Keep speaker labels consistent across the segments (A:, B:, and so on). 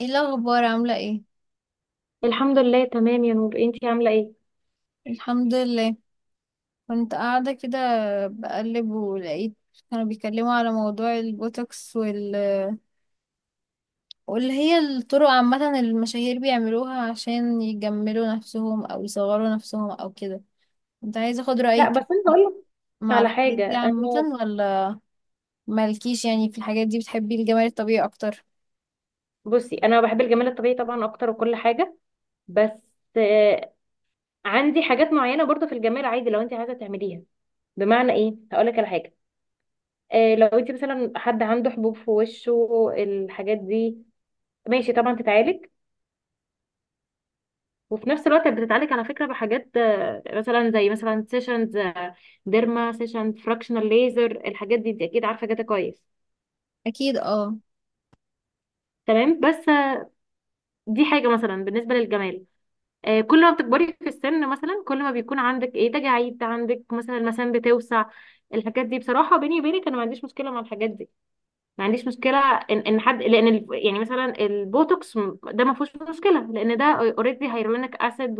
A: ايه الاخبار، عامله ايه؟
B: الحمد لله تمام يا نور، انتي عامله ايه؟
A: الحمد لله. كنت قاعده كده بقلب، ولقيت كانوا بيتكلموا على موضوع البوتوكس واللي هي الطرق عامه اللي المشاهير بيعملوها عشان يجملوا نفسهم او يصغروا نفسهم او كده. كنت عايزه اخد
B: لا
A: رايك
B: بس انا هقول لك
A: مع
B: على
A: الحاجات
B: حاجه.
A: دي عامه،
B: انا
A: ولا مالكيش؟ يعني في الحاجات دي بتحبي الجمال الطبيعي اكتر؟
B: بصي انا بحب الجمال الطبيعي طبعا اكتر وكل حاجه. بس آه، عندي حاجات معينه برضو في الجمال عادي لو انتي عايزه تعمليها. بمعنى ايه؟ هقول لك على حاجه. لو انتي مثلا حد عنده حبوب في وشه الحاجات دي ماشي طبعا تتعالج. وفي نفس الوقت بتتعالج على فكره بحاجات مثلا زي مثلا سيشنز، ديرما سيشن، فراكشنال ليزر، الحاجات دي انت اكيد عارفه جاتا كويس.
A: اكيد اه.
B: تمام، بس دي حاجة مثلا بالنسبة للجمال. كل ما بتكبري في السن مثلا، كل ما بيكون عندك ايه، تجاعيد، عندك مثلا المثانة بتوسع، الحاجات دي بصراحة بيني وبينك انا ما عنديش مشكلة مع الحاجات دي. ما عنديش مشكلة ان حد، لان يعني مثلا البوتوكس، ده ما فيهوش مشكلة لان ده اوريدي هيرولينيك اسيد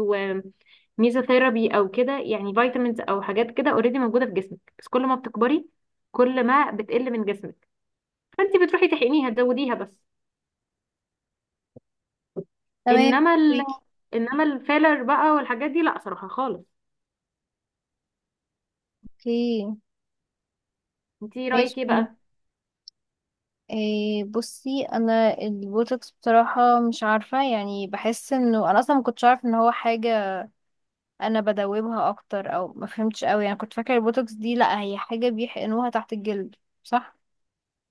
B: وميزوثيرابي او كده، يعني فيتامينز او حاجات كده اوريدي موجودة في جسمك، بس كل ما بتكبري كل ما بتقل من جسمك، فانت بتروحي تحقنيها تزوديها بس.
A: تمام.
B: انما ال... انما الفيلر بقى والحاجات دي لا صراحه خالص.
A: اوكي
B: انتي
A: ماشي،
B: رايك ايه بقى؟
A: فهمت. إيه، بصي انا البوتوكس بصراحة مش عارفة، يعني بحس انه انا اصلا ما كنتش عارف ان هو حاجة انا بدوبها اكتر، او ما فهمتش قوي. يعني كنت فاكرة البوتوكس دي لا، هي حاجة بيحقنوها تحت الجلد، صح.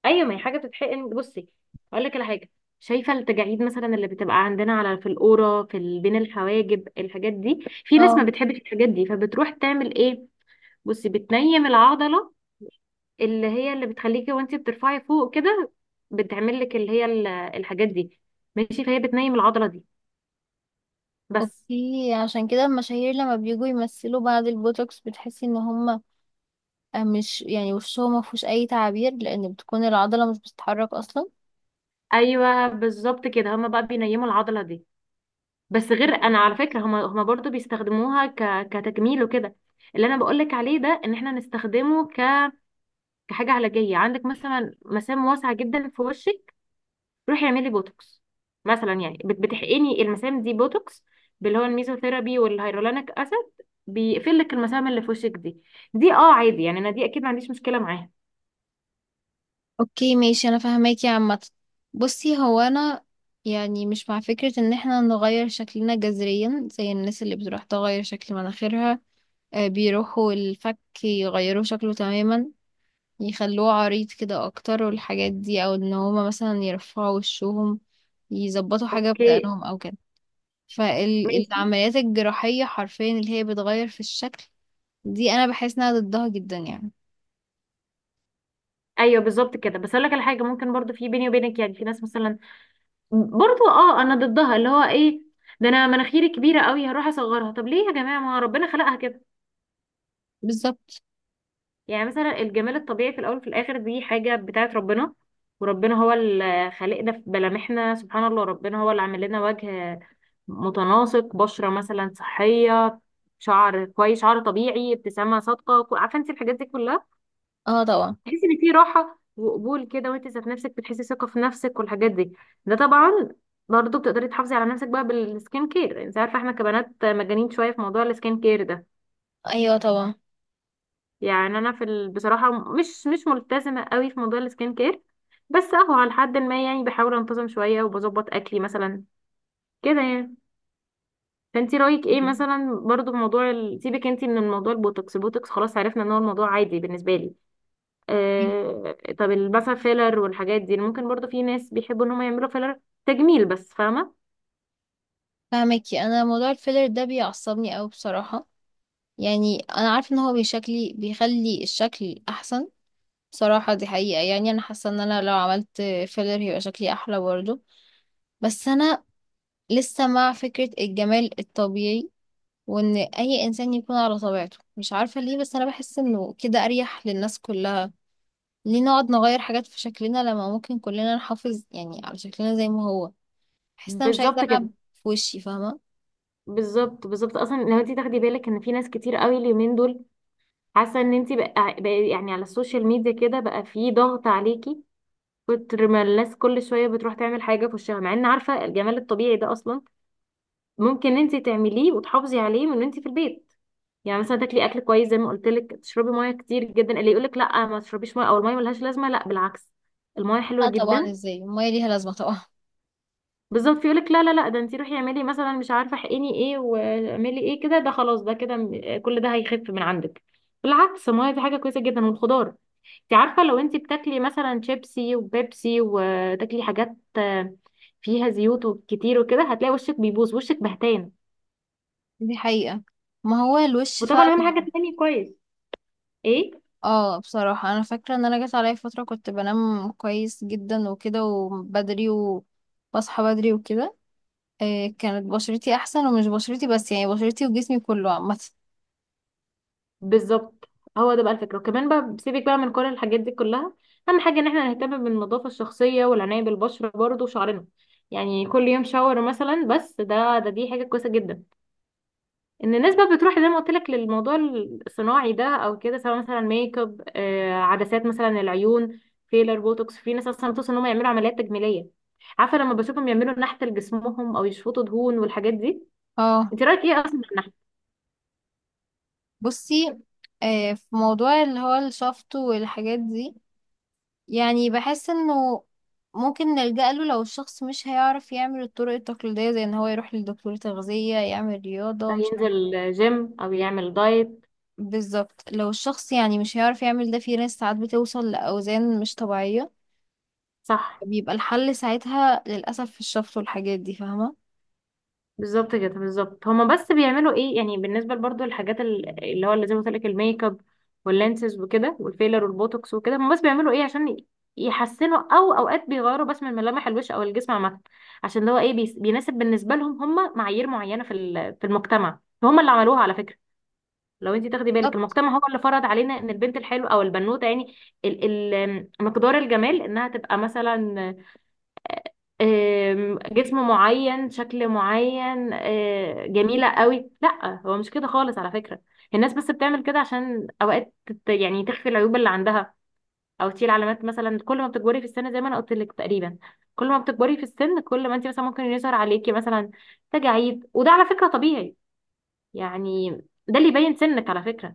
B: ايوه ما هي حاجه بتتحقن. بصي اقول لك على حاجه. شايفه التجاعيد مثلا اللي بتبقى عندنا على في القوره في بين الحواجب، الحاجات دي في ناس ما
A: اه.
B: بتحبش الحاجات دي، فبتروح تعمل ايه؟ بصي بتنيم العضله اللي هي اللي بتخليكي وانتي بترفعي فوق كده، بتعمل لك اللي هي الحاجات دي، ماشي؟ فهي بتنيم العضله دي بس.
A: اوكي، عشان كده المشاهير لما بيجوا يمثلوا بعد البوتوكس بتحسي ان هم مش يعني وشهم ما فيهوش اي تعابير، لان بتكون العضلة مش بتتحرك اصلا.
B: ايوه بالظبط كده، هما بقى بينيموا العضله دي بس. غير انا على فكره، هما برضو بيستخدموها كتجميل وكده. اللي انا بقولك عليه ده ان احنا نستخدمه كحاجه علاجيه. عندك مثلا مسام واسعه جدا في وشك، روحي اعملي بوتوكس مثلا، يعني بتحقني المسام دي بوتوكس، باللي هو الميزوثيرابي والهيرولانيك اسيد، بيقفل لك المسام اللي في وشك دي. دي اه عادي، يعني انا دي اكيد ما عنديش مشكله معاها.
A: اوكي ماشي، انا فاهماكي عامه. بصي هو انا يعني مش مع فكره ان احنا نغير شكلنا جذريا زي الناس اللي بتروح تغير شكل مناخيرها، بيروحوا الفك يغيروا شكله تماما، يخلوه عريض كده اكتر والحاجات دي، او ان هما مثلا يرفعوا وشهم، يظبطوا حاجه
B: اوكي
A: بدقنهم او كده.
B: ماشي.
A: فالعمليات الجراحيه حرفيا اللي هي بتغير في الشكل دي انا بحس انها ضدها جدا يعني.
B: ايوه بالظبط كده، بس اقول لك على حاجه. ممكن برضو، في بيني وبينك يعني، في ناس مثلا برضو اه انا ضدها، اللي هو ايه، ده انا مناخيري كبيره قوي هروح اصغرها. طب ليه يا جماعه، ما ربنا خلقها كده؟
A: بالظبط.
B: يعني مثلا الجمال الطبيعي في الاول وفي الاخر دي حاجه بتاعت ربنا. وربنا هو اللي خالقنا في ملامحنا، سبحان الله، ربنا هو اللي عامل لنا وجه متناسق، بشره مثلا صحيه، شعر كويس، شعر طبيعي، ابتسامه صادقه، عارفه انت الحاجات دي كلها
A: اه طبعا.
B: تحسي ان في راحه وقبول كده، وانت ذات نفسك بتحسي ثقه في نفسك والحاجات دي. ده طبعا. برضه بتقدري تحافظي على نفسك بقى بالسكين كير، انت عارفه احنا كبنات مجانين شويه في موضوع السكين كير ده.
A: ايوه طبعا.
B: يعني انا في بصراحه مش ملتزمه قوي في موضوع السكين كير، بس اهو على حد ما، يعني بحاول انتظم شويه وبظبط اكلي مثلا كده يعني. فانت رايك ايه مثلا برضه في موضوع سيبك انت من الموضوع، البوتوكس، البوتوكس خلاص عرفنا ان هو الموضوع عادي بالنسبه لي. طب مثلا فيلر والحاجات دي، ممكن برضو في ناس بيحبوا ان هم يعملوا فيلر تجميل بس، فاهمه؟
A: فاهمكي. انا موضوع الفيلر ده بيعصبني قوي بصراحه. يعني انا عارفه ان هو بيشكلي بيخلي الشكل احسن، بصراحه دي حقيقه. يعني انا حاسه ان انا لو عملت فيلر هيبقى شكلي احلى برضه، بس انا لسه مع فكره الجمال الطبيعي، وان اي انسان يكون على طبيعته. مش عارفه ليه بس انا بحس انه كده اريح للناس كلها. ليه نقعد نغير حاجات في شكلنا لما ممكن كلنا نحافظ يعني على شكلنا زي ما هو؟ بحس إن انا مش عايزه
B: بالظبط كده.
A: العب في وشي، فاهمه؟
B: بالظبط اصلا لو انت تاخدي بالك، ان في ناس كتير قوي اليومين دول حاسه ان انت بقى، بقى يعني على السوشيال ميديا كده، بقى في ضغط عليكي كتر ما الناس كل شويه بتروح تعمل حاجه في وشها، مع ان عارفه الجمال الطبيعي ده اصلا ممكن انت تعمليه وتحافظي عليه من وانت في البيت. يعني مثلا تاكلي اكل كويس زي ما قلت لك، تشربي ميه كتير جدا، اللي يقولك لا ما تشربيش ميه او الميه ملهاش لازمه، لا بالعكس الميه حلوه
A: لا طبعا،
B: جدا.
A: ازاي، الميه ليها لازمه طبعا.
B: بالظبط، يقولك لا لا لا، ده انتي روحي اعملي مثلا مش عارفه احقني ايه واعملي ايه كده، ده خلاص ده كده كل ده هيخف من عندك. بالعكس الميه دي حاجه كويسه جدا، والخضار. انت عارفه لو انتي بتاكلي مثلا شيبسي وبيبسي وتاكلي حاجات فيها زيوت وكتير وكده، هتلاقي وشك بيبوظ، وشك بهتان.
A: دي حقيقة، ما هو الوش
B: وطبعا
A: فعلا.
B: اهم حاجه تنامي كويس. ايه
A: اه بصراحة انا فاكرة ان انا جت عليا فترة كنت بنام كويس جدا وكده، وبدري وبصحى بدري وكده. إيه، كانت بشرتي احسن، ومش بشرتي بس يعني، بشرتي وجسمي كله عامة.
B: بالظبط، هو ده بقى الفكرة. وكمان بقى سيبك بقى من كل الحاجات دي كلها، أهم حاجة إن احنا نهتم بالنظافة الشخصية والعناية بالبشرة برضه وشعرنا. يعني كل يوم شاور مثلا، بس ده دي حاجة كويسة جدا. إن الناس بقى بتروح زي ما قلت لك للموضوع الصناعي ده أو كده، سواء مثلا ميك اب، آه، عدسات مثلا العيون، فيلر، بوتوكس، في ناس أصلا بتوصل إن هم يعملوا عمليات تجميلية، عارفة لما بشوفهم يعملوا نحت لجسمهم أو يشفطوا دهون والحاجات دي.
A: اه.
B: أنت رأيك إيه أصلا في النحت؟
A: بصي، إيه، في موضوع اللي هو الشفط والحاجات دي يعني بحس انه ممكن نلجأ له لو الشخص مش هيعرف يعمل الطرق التقليدية، زي ان هو يروح لدكتور تغذية، يعمل رياضة، مش عارف.
B: ينزل جيم أو يعمل دايت.
A: بالظبط، لو الشخص يعني مش هيعرف يعمل ده، في ناس ساعات بتوصل لأوزان مش طبيعية.
B: صح.
A: بيبقى الحل ساعتها للأسف في الشفط والحاجات دي، فاهمة.
B: بالظبط كده. بالظبط، هما بس بيعملوا ايه، يعني بالنسبه برضو للحاجات اللي هو اللي زي ما قلت لك الميك اب واللانسز وكده والفيلر والبوتوكس وكده، هما بس بيعملوا ايه عشان يحسنوا، او اوقات بيغيروا بس من ملامح الوش او الجسم عامه، عشان اللي هو ايه بيناسب بالنسبه لهم. هما معايير معينه في في المجتمع هما اللي عملوها على فكره. لو انت تاخدي بالك،
A: بالظبط
B: المجتمع هو اللي فرض علينا ان البنت الحلوه او البنوته يعني ال مقدار الجمال، انها تبقى مثلا جسم معين، شكل معين، جميلة قوي. لا هو مش كده خالص على فكرة. الناس بس بتعمل كده عشان أوقات يعني تخفي العيوب اللي عندها، أو تشيل علامات. مثلا كل ما بتكبري في السن، زي ما أنا قلت لك تقريبا، كل ما بتكبري في السن كل ما أنت مثلا ممكن يظهر عليكي مثلا تجاعيد، وده على فكرة طبيعي يعني، ده اللي يبين سنك على فكرة.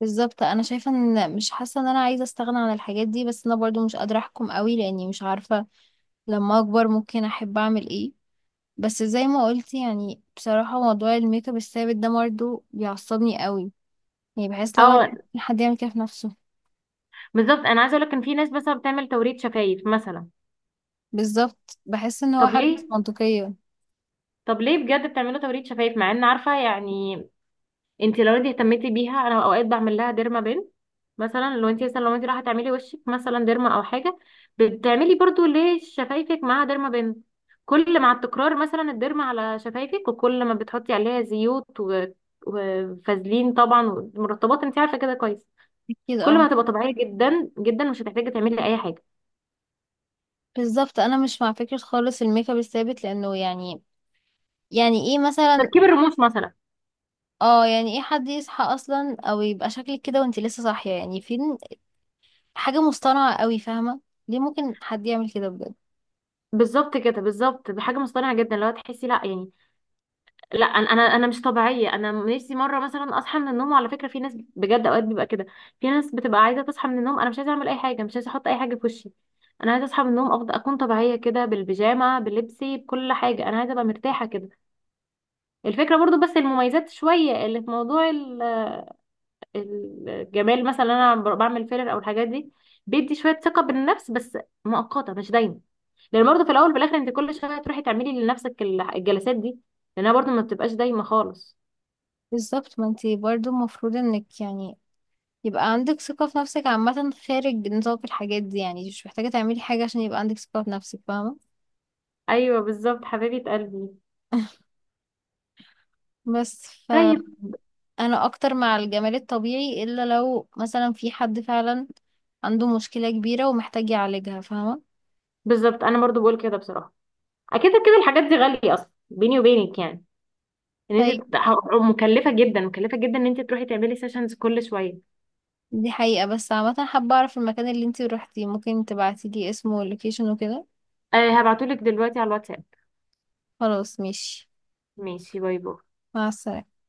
A: بالظبط. أنا شايفة إن مش حاسة إن أنا عايزة أستغنى عن الحاجات دي، بس أنا برضو مش قادرة أحكم قوي، لأني مش عارفة لما أكبر ممكن أحب أعمل إيه. بس زي ما قلت يعني بصراحة موضوع الميك اب الثابت ده برضو بيعصبني قوي. يعني بحس لو
B: اه
A: حد يعمل كده في نفسه.
B: بالظبط. أنا عايزة أقولك إن في ناس مثلا بتعمل توريد شفايف مثلا.
A: بالظبط، بحس إن هو
B: طب
A: حاجة مش
B: ليه؟
A: منطقية.
B: طب ليه بجد بتعملوا توريد شفايف، مع ان عارفه يعني انت لو انت اهتمتي بيها، انا اوقات بعمل لها ديرما بين مثلا، لو انت مثلا لو انت رايحه تعملي وشك مثلا ديرما او حاجه، بتعملي برضو ليه شفايفك معاها ديرما بين. كل مع التكرار مثلا الديرما على شفايفك، وكل ما بتحطي عليها زيوت وفازلين طبعا ومرطبات، انت عارفه كده كويس،
A: أكيد
B: كل ما
A: اه.
B: هتبقى طبيعيه جدا جدا، مش هتحتاجي تعملي اي حاجه.
A: بالظبط انا مش مع فكرة خالص الميك اب الثابت، لانه يعني، يعني ايه مثلا؟
B: تركيب الرموش مثلا.
A: اه، يعني ايه حد يصحى اصلا او يبقى شكلك كده وانت لسه صاحية؟ يعني فين؟ حاجة مصطنعة قوي، فاهمة؟ ليه ممكن حد يعمل كده بجد؟
B: بالظبط كده، بالظبط، بحاجه مصطنعه جدا لو تحسي، لا يعني لا، انا مش طبيعيه، انا نفسي مره مثلا اصحى من النوم. وعلى فكره في ناس بجد اوقات بيبقى كده، في ناس بتبقى عايزه تصحى من النوم انا مش عايزه اعمل اي حاجه، مش عايزه احط اي حاجه في وشي، انا عايزه اصحى من النوم افضل اكون طبيعيه كده بالبيجامه بلبسي بكل حاجه، انا عايزه ابقى مرتاحه كده الفكره. برضو بس المميزات شويه اللي في موضوع الجمال، مثلا انا بعمل فيلر او الحاجات دي بيدي شويه ثقه بالنفس، بس مؤقته مش دايما، لان برضو في الاول وفي الاخر انت كل شويه تروحي تعملي لنفسك الجلسات دي، لانها برضو ما بتبقاش دايما خالص.
A: بالظبط ما انت برضو المفروض انك يعني يبقى عندك ثقة في نفسك عامة خارج نطاق الحاجات دي، يعني مش محتاجة تعملي حاجة عشان يبقى عندك ثقة في نفسك، فاهمة؟
B: ايوه بالظبط حبيبه قلبي.
A: بس فانا
B: طيب،
A: اكتر مع الجمال الطبيعي، الا لو مثلا في حد فعلا عنده مشكلة كبيرة ومحتاج يعالجها، فاهمة.
B: بالظبط انا برضو بقول كده بصراحه. اكيد كده الحاجات دي غاليه اصلا بيني وبينك يعني، ان
A: طيب.
B: انت مكلفه جدا، مكلفه جدا ان انت تروحي تعملي سيشنز كل شويه.
A: دي حقيقة، بس عامة حابة اعرف المكان اللي انتي روحتيه، ممكن تبعتيلي اسمه واللوكيشن وكده.
B: أه هبعتولك دلوقتي على الواتساب.
A: خلاص ماشي.
B: ماشي، باي باي.
A: مع السلامة.